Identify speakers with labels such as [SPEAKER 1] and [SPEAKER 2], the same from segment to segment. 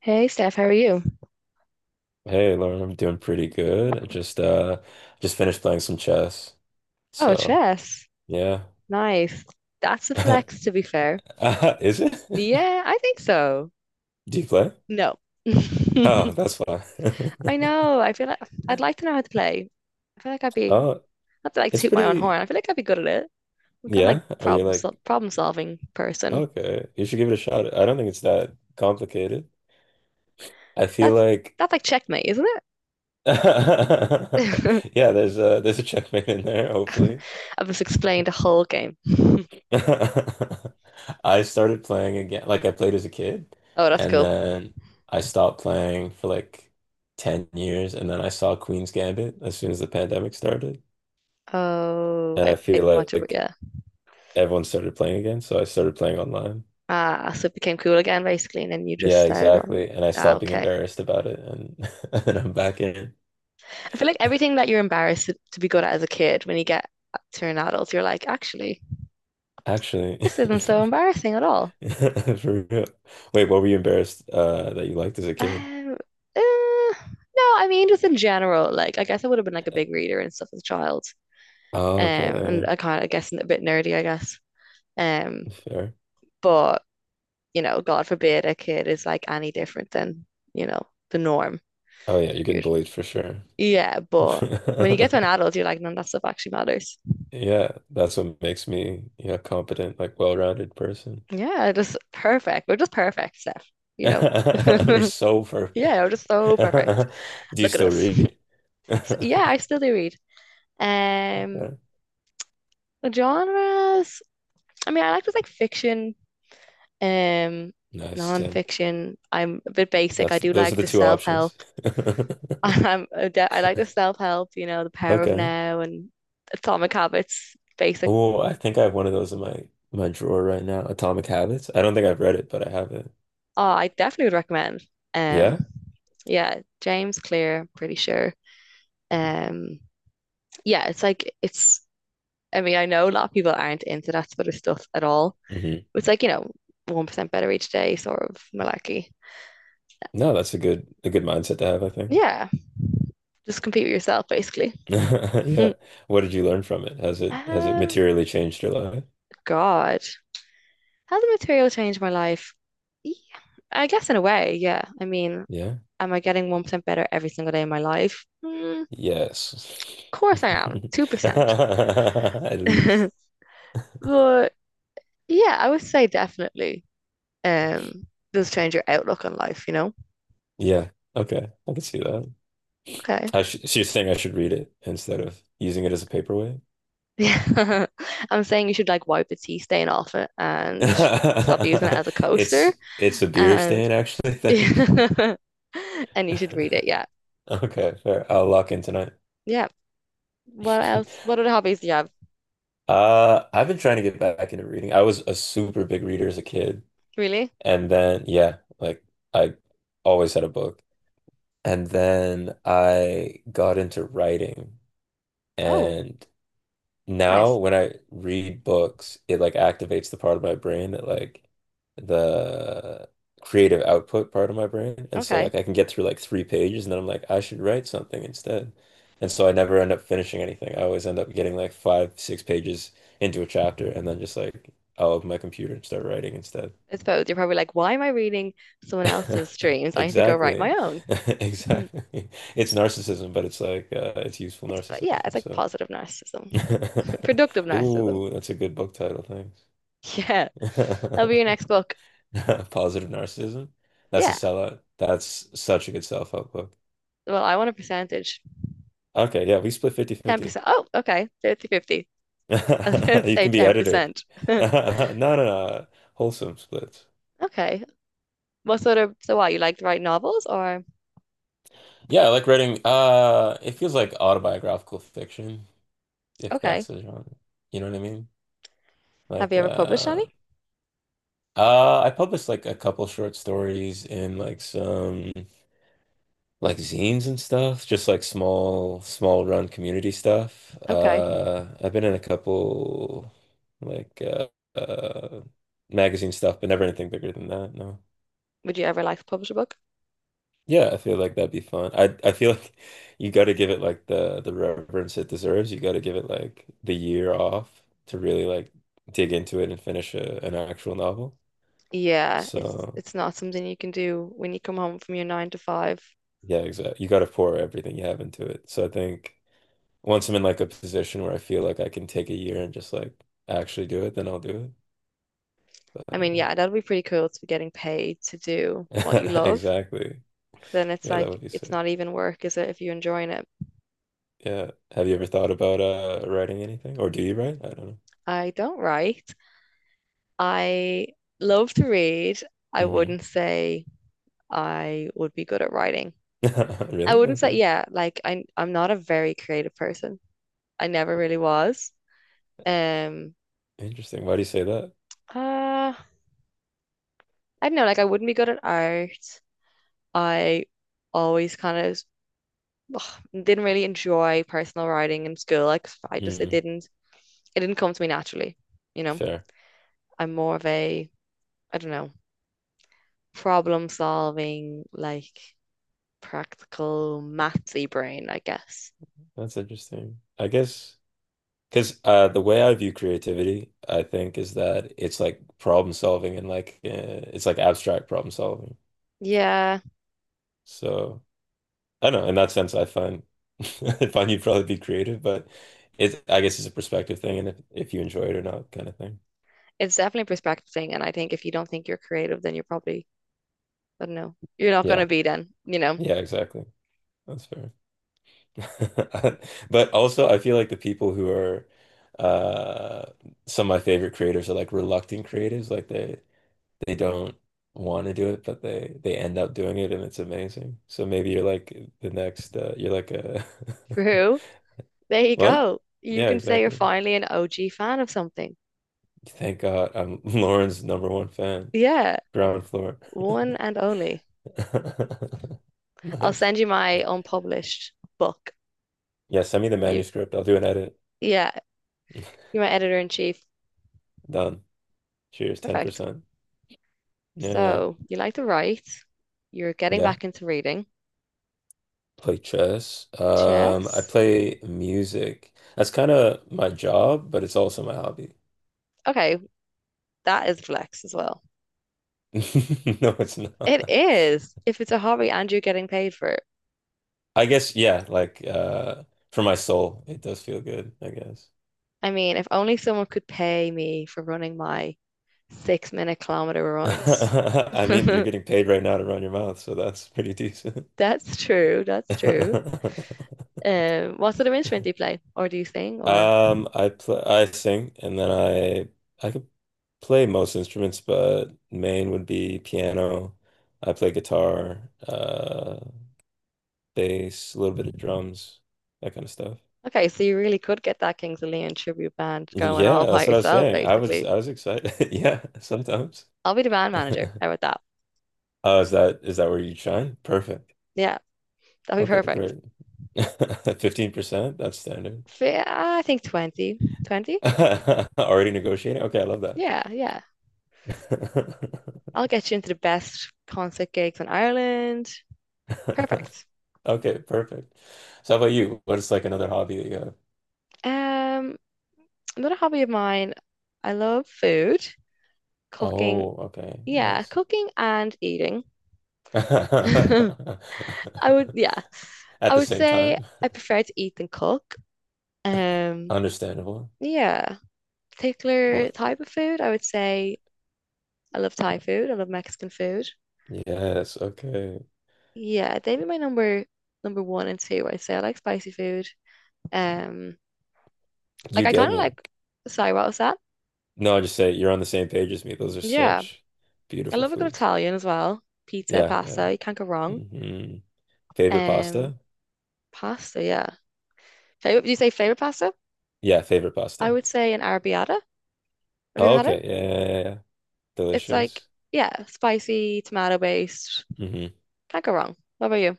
[SPEAKER 1] Hey Steph, how are you?
[SPEAKER 2] Hey, Lauren, I'm doing pretty good. I just finished playing some chess.
[SPEAKER 1] Oh,
[SPEAKER 2] So,
[SPEAKER 1] chess.
[SPEAKER 2] yeah.
[SPEAKER 1] Nice. That's a flex, to be fair.
[SPEAKER 2] Is it?
[SPEAKER 1] Yeah, I think so.
[SPEAKER 2] Do you play?
[SPEAKER 1] No.
[SPEAKER 2] Oh,
[SPEAKER 1] I
[SPEAKER 2] that's fine.
[SPEAKER 1] know. I feel like I'd like to know how to play. I feel like I'd be,
[SPEAKER 2] Oh,
[SPEAKER 1] not to like
[SPEAKER 2] it's
[SPEAKER 1] toot my own horn,
[SPEAKER 2] pretty.
[SPEAKER 1] I feel like I'd be good at it. I'm kind of like
[SPEAKER 2] Yeah. Are you like,
[SPEAKER 1] problem solving person.
[SPEAKER 2] okay, you should give it a shot. I don't think it's that complicated. I feel
[SPEAKER 1] That's
[SPEAKER 2] like,
[SPEAKER 1] that's like checkmate, isn't
[SPEAKER 2] yeah,
[SPEAKER 1] it?
[SPEAKER 2] there's a checkmate in there, hopefully.
[SPEAKER 1] I've just explained the whole game.
[SPEAKER 2] I started playing again, like I played as a kid,
[SPEAKER 1] Oh, that's
[SPEAKER 2] and
[SPEAKER 1] cool.
[SPEAKER 2] then I stopped playing for like 10 years, and then I saw Queen's Gambit as soon as the pandemic started,
[SPEAKER 1] Oh,
[SPEAKER 2] and
[SPEAKER 1] I,
[SPEAKER 2] I
[SPEAKER 1] I
[SPEAKER 2] feel
[SPEAKER 1] didn't
[SPEAKER 2] like,
[SPEAKER 1] watch it, but yeah.
[SPEAKER 2] everyone started playing again, so I started playing online.
[SPEAKER 1] Ah, so it became cool again, basically, and then you just
[SPEAKER 2] Yeah,
[SPEAKER 1] started on
[SPEAKER 2] exactly,
[SPEAKER 1] it.
[SPEAKER 2] and I
[SPEAKER 1] Ah,
[SPEAKER 2] stopped being
[SPEAKER 1] okay.
[SPEAKER 2] embarrassed about it, and and I'm back in.
[SPEAKER 1] I feel like everything that you're embarrassed to be good at as a kid, when you get to an adult, you're like, actually,
[SPEAKER 2] Actually,
[SPEAKER 1] this isn't so embarrassing at all.
[SPEAKER 2] for real. Wait, what were you embarrassed that you liked as a kid?
[SPEAKER 1] Um, uh, no, I mean, just in general, like, I guess I would have been like a big reader and stuff as a child.
[SPEAKER 2] Oh,
[SPEAKER 1] And
[SPEAKER 2] okay,
[SPEAKER 1] I kind of, I guess, a bit nerdy, I guess. Um,
[SPEAKER 2] fair.
[SPEAKER 1] but, you know, God forbid a kid is like any different than the norm.
[SPEAKER 2] Oh yeah, you're getting
[SPEAKER 1] You're,
[SPEAKER 2] bullied for sure.
[SPEAKER 1] yeah, but when you get to an adult, you're like, none of that stuff actually matters.
[SPEAKER 2] Yeah, that's what makes me, yeah, competent, like well-rounded person.
[SPEAKER 1] Yeah, just perfect. We're just perfect, Steph, you
[SPEAKER 2] We're
[SPEAKER 1] know.
[SPEAKER 2] so
[SPEAKER 1] Yeah,
[SPEAKER 2] perfect.
[SPEAKER 1] I are just so perfect.
[SPEAKER 2] Do you
[SPEAKER 1] Look at
[SPEAKER 2] still
[SPEAKER 1] us.
[SPEAKER 2] read?
[SPEAKER 1] So, yeah, I still do read. Um,
[SPEAKER 2] Yeah.
[SPEAKER 1] Genres. I mean, I like to like fiction, um,
[SPEAKER 2] Nice, Tim.
[SPEAKER 1] non-fiction. I'm a bit basic.
[SPEAKER 2] That's
[SPEAKER 1] I do
[SPEAKER 2] those are
[SPEAKER 1] like
[SPEAKER 2] the
[SPEAKER 1] the
[SPEAKER 2] two
[SPEAKER 1] self-help.
[SPEAKER 2] options.
[SPEAKER 1] I like the self-help. You know, The Power of
[SPEAKER 2] Okay.
[SPEAKER 1] Now and Atomic Habits. Basic.
[SPEAKER 2] Oh, I think I have one of those in my drawer right now. Atomic Habits. I don't think I've read it, but I have it.
[SPEAKER 1] Oh, I definitely would recommend. Um,
[SPEAKER 2] Yeah?
[SPEAKER 1] yeah, James Clear. Pretty sure. Um, yeah, it's like it's. I mean, I know a lot of people aren't into that sort of stuff at all.
[SPEAKER 2] Hmm.
[SPEAKER 1] It's like 1% better each day sort of malarkey.
[SPEAKER 2] No, that's a good mindset to have, I think.
[SPEAKER 1] Yeah, just compete with yourself basically.
[SPEAKER 2] Yeah.
[SPEAKER 1] um,
[SPEAKER 2] What did you learn from it? Has it materially changed your life?
[SPEAKER 1] God, has the material changed my life? Yeah, I guess in a way, yeah. I mean,
[SPEAKER 2] Yeah.
[SPEAKER 1] am I getting 1% better every single day of my life? Of
[SPEAKER 2] Yes.
[SPEAKER 1] course I am, 2%.
[SPEAKER 2] At least.
[SPEAKER 1] But yeah, I would say definitely um does change your outlook on life, you know?
[SPEAKER 2] Yeah. Okay. I can see that.
[SPEAKER 1] Okay.
[SPEAKER 2] I sh she's saying I should read it instead of using it as a paperweight.
[SPEAKER 1] Yeah. I'm saying you should like wipe the tea stain off it and stop using it as a
[SPEAKER 2] It's
[SPEAKER 1] coaster.
[SPEAKER 2] it's a beer
[SPEAKER 1] And
[SPEAKER 2] stand actually. Thanks.
[SPEAKER 1] and you should read it. Yeah.
[SPEAKER 2] Okay, fair. I'll lock in tonight.
[SPEAKER 1] Yeah. What else? What other hobbies do you have?
[SPEAKER 2] I've been trying to get back into reading. I was a super big reader as a kid,
[SPEAKER 1] Really?
[SPEAKER 2] and then yeah, like I always had a book, and then I got into writing,
[SPEAKER 1] Oh,
[SPEAKER 2] and now
[SPEAKER 1] nice.
[SPEAKER 2] when I read books, it like activates the part of my brain that, like, the creative output part of my brain. And so
[SPEAKER 1] Okay.
[SPEAKER 2] like I can get through like three pages and then I'm like, I should write something instead. And so I never end up finishing anything. I always end up getting like five, six pages into a chapter and then just like I'll open my computer and start writing instead.
[SPEAKER 1] I suppose you're probably like, why am I reading someone else's dreams? I need to go write my
[SPEAKER 2] Exactly.
[SPEAKER 1] own.
[SPEAKER 2] Exactly. It's narcissism, but it's like, it's useful
[SPEAKER 1] It's But yeah, it's
[SPEAKER 2] narcissism.
[SPEAKER 1] like
[SPEAKER 2] So.
[SPEAKER 1] positive narcissism, productive narcissism.
[SPEAKER 2] Ooh, that's a good book title. Thanks.
[SPEAKER 1] Yeah, that'll be your next book.
[SPEAKER 2] Positive Narcissism. That's a
[SPEAKER 1] Yeah.
[SPEAKER 2] sellout. That's such a good self-help book.
[SPEAKER 1] Well, I want a percentage.
[SPEAKER 2] Okay, yeah, we split 50/50.
[SPEAKER 1] 10%. Oh, okay. 50-50. I'd
[SPEAKER 2] You
[SPEAKER 1] say
[SPEAKER 2] can be editor.
[SPEAKER 1] 10%.
[SPEAKER 2] No, no, no. Wholesome splits.
[SPEAKER 1] Okay. What sort of, so what, you like to write novels, or
[SPEAKER 2] Yeah, I like writing. It feels like autobiographical fiction, if
[SPEAKER 1] okay.
[SPEAKER 2] that's a genre. You know what I mean?
[SPEAKER 1] Have
[SPEAKER 2] Like,
[SPEAKER 1] you ever published any?
[SPEAKER 2] I published like a couple short stories and like some. Like zines and stuff, just like small run community stuff.
[SPEAKER 1] Okay.
[SPEAKER 2] I've been in a couple like uh, magazine stuff, but never anything bigger than that. No.
[SPEAKER 1] Would you ever like publish a book?
[SPEAKER 2] Yeah, I feel like that'd be fun. I feel like you got to give it like the reverence it deserves. You got to give it like the year off to really like dig into it and finish an actual novel.
[SPEAKER 1] Yeah, it's
[SPEAKER 2] So
[SPEAKER 1] it's not something you can do when you come home from your 9 to 5.
[SPEAKER 2] yeah, exactly. You got to pour everything you have into it. So I think. Once I'm in like a position where I feel like I can take a year and just like actually do it, then I'll do it.
[SPEAKER 1] I mean,
[SPEAKER 2] But,
[SPEAKER 1] yeah, that'd be pretty cool to be getting paid to do what you love.
[SPEAKER 2] exactly.
[SPEAKER 1] But then it's
[SPEAKER 2] Yeah, that
[SPEAKER 1] like
[SPEAKER 2] would be
[SPEAKER 1] it's
[SPEAKER 2] sick.
[SPEAKER 1] not even work, is it, if you're enjoying it?
[SPEAKER 2] Yeah. Have you ever thought about writing anything? Or do you write? I don't know.
[SPEAKER 1] I don't write. I love to read. I
[SPEAKER 2] Mm-hmm.
[SPEAKER 1] wouldn't say I would be good at writing. I
[SPEAKER 2] Really?
[SPEAKER 1] wouldn't say,
[SPEAKER 2] Okay.
[SPEAKER 1] yeah, like I'm not a very creative person. I never really was. Um,
[SPEAKER 2] Interesting. Why do you say that?
[SPEAKER 1] uh, I don't know, like I wouldn't be good at art. I always kind of didn't really enjoy personal riding in school. Like I just it
[SPEAKER 2] Mm,
[SPEAKER 1] didn't it didn't come to me naturally, you know.
[SPEAKER 2] fair.
[SPEAKER 1] I'm more of a, I don't know, problem solving, like practical mathy brain, I guess.
[SPEAKER 2] That's interesting. I guess because the way I view creativity, I think, is that it's like problem solving and like, it's like abstract problem solving.
[SPEAKER 1] Yeah,
[SPEAKER 2] So I don't know, in that sense, I find I find you'd probably be creative, but it's, I guess, it's a perspective thing, and if you enjoy it or not, kind of thing.
[SPEAKER 1] it's definitely a perspective thing, and I think if you don't think you're creative, then you're probably, I don't know, you're not gonna
[SPEAKER 2] Yeah,
[SPEAKER 1] be then.
[SPEAKER 2] yeah, exactly. That's fair. But also, I feel like the people who are, uh, some of my favorite creators are like reluctant creatives, like they don't want to do it, but they end up doing it, and it's amazing. So maybe you're like the next, you're like a
[SPEAKER 1] True. There you
[SPEAKER 2] what?
[SPEAKER 1] go. You
[SPEAKER 2] Yeah,
[SPEAKER 1] can say you're
[SPEAKER 2] exactly.
[SPEAKER 1] finally an OG fan of something.
[SPEAKER 2] Thank God, I'm Lauren's number one fan.
[SPEAKER 1] Yeah,
[SPEAKER 2] Ground floor.
[SPEAKER 1] one and only. I'll
[SPEAKER 2] Nice.
[SPEAKER 1] send you my unpublished book.
[SPEAKER 2] Yeah, send me the
[SPEAKER 1] You,
[SPEAKER 2] manuscript. I'll do an edit.
[SPEAKER 1] yeah, you're my editor in chief.
[SPEAKER 2] Done. Cheers,
[SPEAKER 1] Perfect.
[SPEAKER 2] 10%. Yeah.
[SPEAKER 1] So you like to write. You're getting
[SPEAKER 2] Yeah.
[SPEAKER 1] back into reading.
[SPEAKER 2] Play chess. I
[SPEAKER 1] Chess.
[SPEAKER 2] play music. That's kind of my job, but it's also my hobby.
[SPEAKER 1] Okay, that is flex as well.
[SPEAKER 2] No, it's
[SPEAKER 1] It
[SPEAKER 2] not.
[SPEAKER 1] is. If it's a hobby and you're getting paid for it.
[SPEAKER 2] I guess, yeah, like for my soul, it does feel good, I guess.
[SPEAKER 1] I mean, if only someone could pay me for running my 6 minute kilometer runs.
[SPEAKER 2] I mean, you're getting paid right now to run your mouth, so that's pretty decent.
[SPEAKER 1] That's true. That's true. What sort of instrument do you play? Or do you sing? Or
[SPEAKER 2] I play, I sing, and then I could play most instruments, but main would be piano. I play guitar, bass, a little bit of drums, that kind of stuff.
[SPEAKER 1] okay, so you really could get that Kings of Leon tribute band going all
[SPEAKER 2] Yeah,
[SPEAKER 1] by
[SPEAKER 2] that's what I was
[SPEAKER 1] yourself,
[SPEAKER 2] saying. I was
[SPEAKER 1] basically.
[SPEAKER 2] I was excited. Yeah, sometimes.
[SPEAKER 1] I'll be the band manager. How about that?
[SPEAKER 2] Oh, is that where you shine? Perfect.
[SPEAKER 1] Yeah, that'll be
[SPEAKER 2] Okay,
[SPEAKER 1] perfect.
[SPEAKER 2] great. 15%, that's standard.
[SPEAKER 1] I think 20. 20?
[SPEAKER 2] Already negotiating? Okay, I love that.
[SPEAKER 1] Yeah, yeah. I'll get you into the best concert gigs in Ireland. Perfect.
[SPEAKER 2] Okay, perfect. So how about you? What is like another hobby that you have?
[SPEAKER 1] Um, Another hobby of mine, I love food, cooking.
[SPEAKER 2] Oh, okay.
[SPEAKER 1] Yeah,
[SPEAKER 2] Nice.
[SPEAKER 1] cooking and eating.
[SPEAKER 2] At
[SPEAKER 1] I would, yeah, I
[SPEAKER 2] the
[SPEAKER 1] would
[SPEAKER 2] same
[SPEAKER 1] say
[SPEAKER 2] time.
[SPEAKER 1] I prefer to eat than cook. Um,
[SPEAKER 2] Understandable.
[SPEAKER 1] yeah, particular
[SPEAKER 2] What?
[SPEAKER 1] type of food, I would say I love Thai food. I love Mexican food.
[SPEAKER 2] Yes, okay.
[SPEAKER 1] Yeah, they'd be my number one and two. I'd say I like spicy food. Um, like
[SPEAKER 2] You
[SPEAKER 1] I kind
[SPEAKER 2] get
[SPEAKER 1] of
[SPEAKER 2] me.
[SPEAKER 1] like. Sorry, what was that?
[SPEAKER 2] No, I just say you're on the same page as me. Those are
[SPEAKER 1] Yeah,
[SPEAKER 2] such
[SPEAKER 1] I
[SPEAKER 2] beautiful
[SPEAKER 1] love a good
[SPEAKER 2] foods.
[SPEAKER 1] Italian as well. Pizza,
[SPEAKER 2] Yeah, yeah.
[SPEAKER 1] pasta, you can't go wrong.
[SPEAKER 2] Hmm. Favorite
[SPEAKER 1] Um,
[SPEAKER 2] pasta?
[SPEAKER 1] Pasta, yeah. Favorite? Do you say favorite pasta?
[SPEAKER 2] Yeah, favorite
[SPEAKER 1] I
[SPEAKER 2] pasta.
[SPEAKER 1] would say an arrabbiata. Have you ever had it?
[SPEAKER 2] Okay, yeah, yeah, yeah. Yeah.
[SPEAKER 1] It's like,
[SPEAKER 2] Delicious.
[SPEAKER 1] yeah, spicy, tomato based.
[SPEAKER 2] Hmm.
[SPEAKER 1] Can't go wrong. What about you?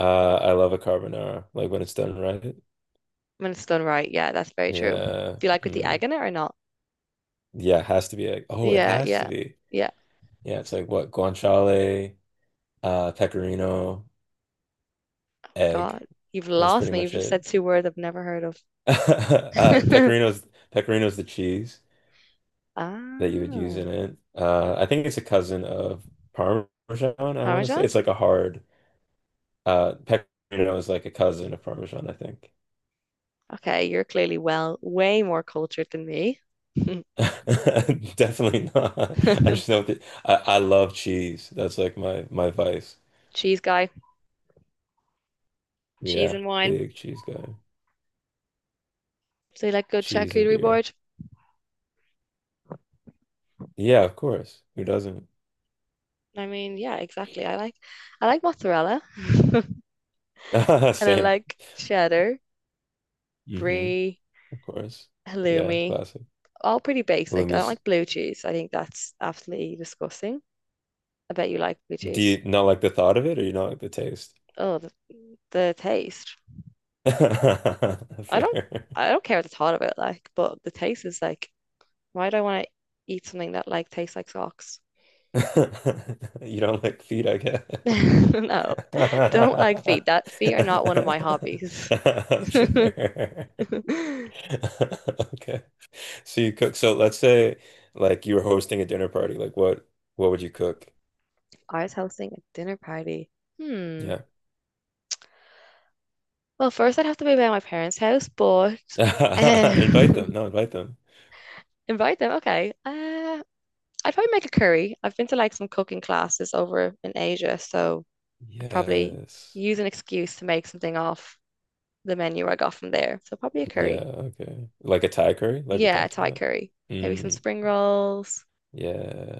[SPEAKER 2] I love a carbonara, like when it's done right.
[SPEAKER 1] When it's done right, yeah, that's very true.
[SPEAKER 2] Yeah.
[SPEAKER 1] Do you like with the
[SPEAKER 2] Mm.
[SPEAKER 1] egg in it or not?
[SPEAKER 2] Yeah, it has to be like, oh, it
[SPEAKER 1] Yeah,
[SPEAKER 2] has to
[SPEAKER 1] yeah,
[SPEAKER 2] be.
[SPEAKER 1] yeah.
[SPEAKER 2] Yeah, it's like what? Guanciale, pecorino, egg.
[SPEAKER 1] God, you've
[SPEAKER 2] That's
[SPEAKER 1] lost
[SPEAKER 2] pretty
[SPEAKER 1] me. You've
[SPEAKER 2] much
[SPEAKER 1] just
[SPEAKER 2] it.
[SPEAKER 1] said two words I've never heard
[SPEAKER 2] Uh,
[SPEAKER 1] of.
[SPEAKER 2] pecorino's pecorino's the cheese that you would use in
[SPEAKER 1] Oh,
[SPEAKER 2] it. I think it's a cousin of Parmesan, I want to say.
[SPEAKER 1] Parmesan?
[SPEAKER 2] It's like a hard, pecorino is like a cousin of Parmesan, I think.
[SPEAKER 1] Okay, you're clearly, well, way more cultured than me.
[SPEAKER 2] Definitely not. I just know that I love cheese. That's like my vice.
[SPEAKER 1] Cheese guy, cheese
[SPEAKER 2] Yeah,
[SPEAKER 1] and wine.
[SPEAKER 2] big cheese guy.
[SPEAKER 1] So you like good
[SPEAKER 2] Cheese and
[SPEAKER 1] charcuterie
[SPEAKER 2] beer.
[SPEAKER 1] board?
[SPEAKER 2] Yeah, of course. Who doesn't?
[SPEAKER 1] I mean, yeah, exactly. I like mozzarella, and I
[SPEAKER 2] Same.
[SPEAKER 1] like cheddar,
[SPEAKER 2] Hmm.
[SPEAKER 1] brie,
[SPEAKER 2] Of course. Yeah,
[SPEAKER 1] halloumi.
[SPEAKER 2] classic.
[SPEAKER 1] All pretty basic. I don't
[SPEAKER 2] Halloumi's.
[SPEAKER 1] like blue cheese. I think that's absolutely disgusting. I bet you like blue
[SPEAKER 2] Do
[SPEAKER 1] cheese.
[SPEAKER 2] you not like the thought of it, or you not like the taste?
[SPEAKER 1] Oh, the taste. I don't
[SPEAKER 2] Fair.
[SPEAKER 1] I don't care the thought of it like, but the taste is like, why do I want to eat something that like tastes like socks?
[SPEAKER 2] You don't like feet, I guess.
[SPEAKER 1] No, don't like feet. That feet are not one of my hobbies.
[SPEAKER 2] Fair.
[SPEAKER 1] If
[SPEAKER 2] Okay. So you cook. So let's say, like, you were hosting a dinner party. Like, what would you cook?
[SPEAKER 1] I was hosting a dinner party. Hmm.
[SPEAKER 2] Yeah.
[SPEAKER 1] Well, first I'd have to be by my parents' house, but
[SPEAKER 2] Invite them.
[SPEAKER 1] um,
[SPEAKER 2] No, invite them.
[SPEAKER 1] invite them. Okay. I'd probably make a curry. I've been to like some cooking classes over in Asia, so I'd probably
[SPEAKER 2] Yes.
[SPEAKER 1] use an excuse to make something off the menu I got from there. So probably a
[SPEAKER 2] Yeah,
[SPEAKER 1] curry.
[SPEAKER 2] okay. Like a Thai curry, like we
[SPEAKER 1] Yeah,
[SPEAKER 2] talked
[SPEAKER 1] Thai
[SPEAKER 2] about.
[SPEAKER 1] curry. Maybe some
[SPEAKER 2] Mm,
[SPEAKER 1] spring rolls.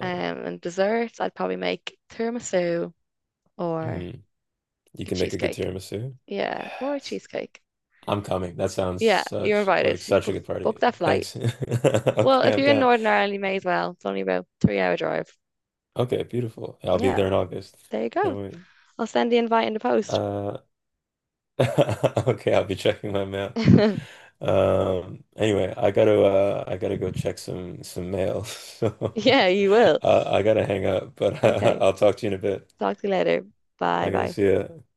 [SPEAKER 1] And desserts, I'd probably make tiramisu or
[SPEAKER 2] Mm, you
[SPEAKER 1] a
[SPEAKER 2] can make a good
[SPEAKER 1] cheesecake.
[SPEAKER 2] tiramisu.
[SPEAKER 1] Yeah, more a
[SPEAKER 2] Yes.
[SPEAKER 1] cheesecake.
[SPEAKER 2] I'm coming. That sounds
[SPEAKER 1] Yeah, you're
[SPEAKER 2] such, like,
[SPEAKER 1] invited. You
[SPEAKER 2] such a
[SPEAKER 1] Book,
[SPEAKER 2] good
[SPEAKER 1] book
[SPEAKER 2] party.
[SPEAKER 1] that flight.
[SPEAKER 2] Thanks.
[SPEAKER 1] Well,
[SPEAKER 2] Okay,
[SPEAKER 1] if
[SPEAKER 2] I'm
[SPEAKER 1] you're in
[SPEAKER 2] down.
[SPEAKER 1] Northern Ireland, you may as well. It's only about 3 hour drive.
[SPEAKER 2] Okay, beautiful. I'll be
[SPEAKER 1] Yeah,
[SPEAKER 2] there in August.
[SPEAKER 1] there you
[SPEAKER 2] Can't
[SPEAKER 1] go.
[SPEAKER 2] wait.
[SPEAKER 1] I'll send the invite in the post.
[SPEAKER 2] Uh, okay, I'll be checking my mail. Anyway, I gotta go check some mail. So
[SPEAKER 1] Yeah, you will.
[SPEAKER 2] I gotta hang up, but
[SPEAKER 1] Okay,
[SPEAKER 2] I'll talk to you in a bit.
[SPEAKER 1] talk to you later. Bye
[SPEAKER 2] Okay,
[SPEAKER 1] bye.
[SPEAKER 2] see ya.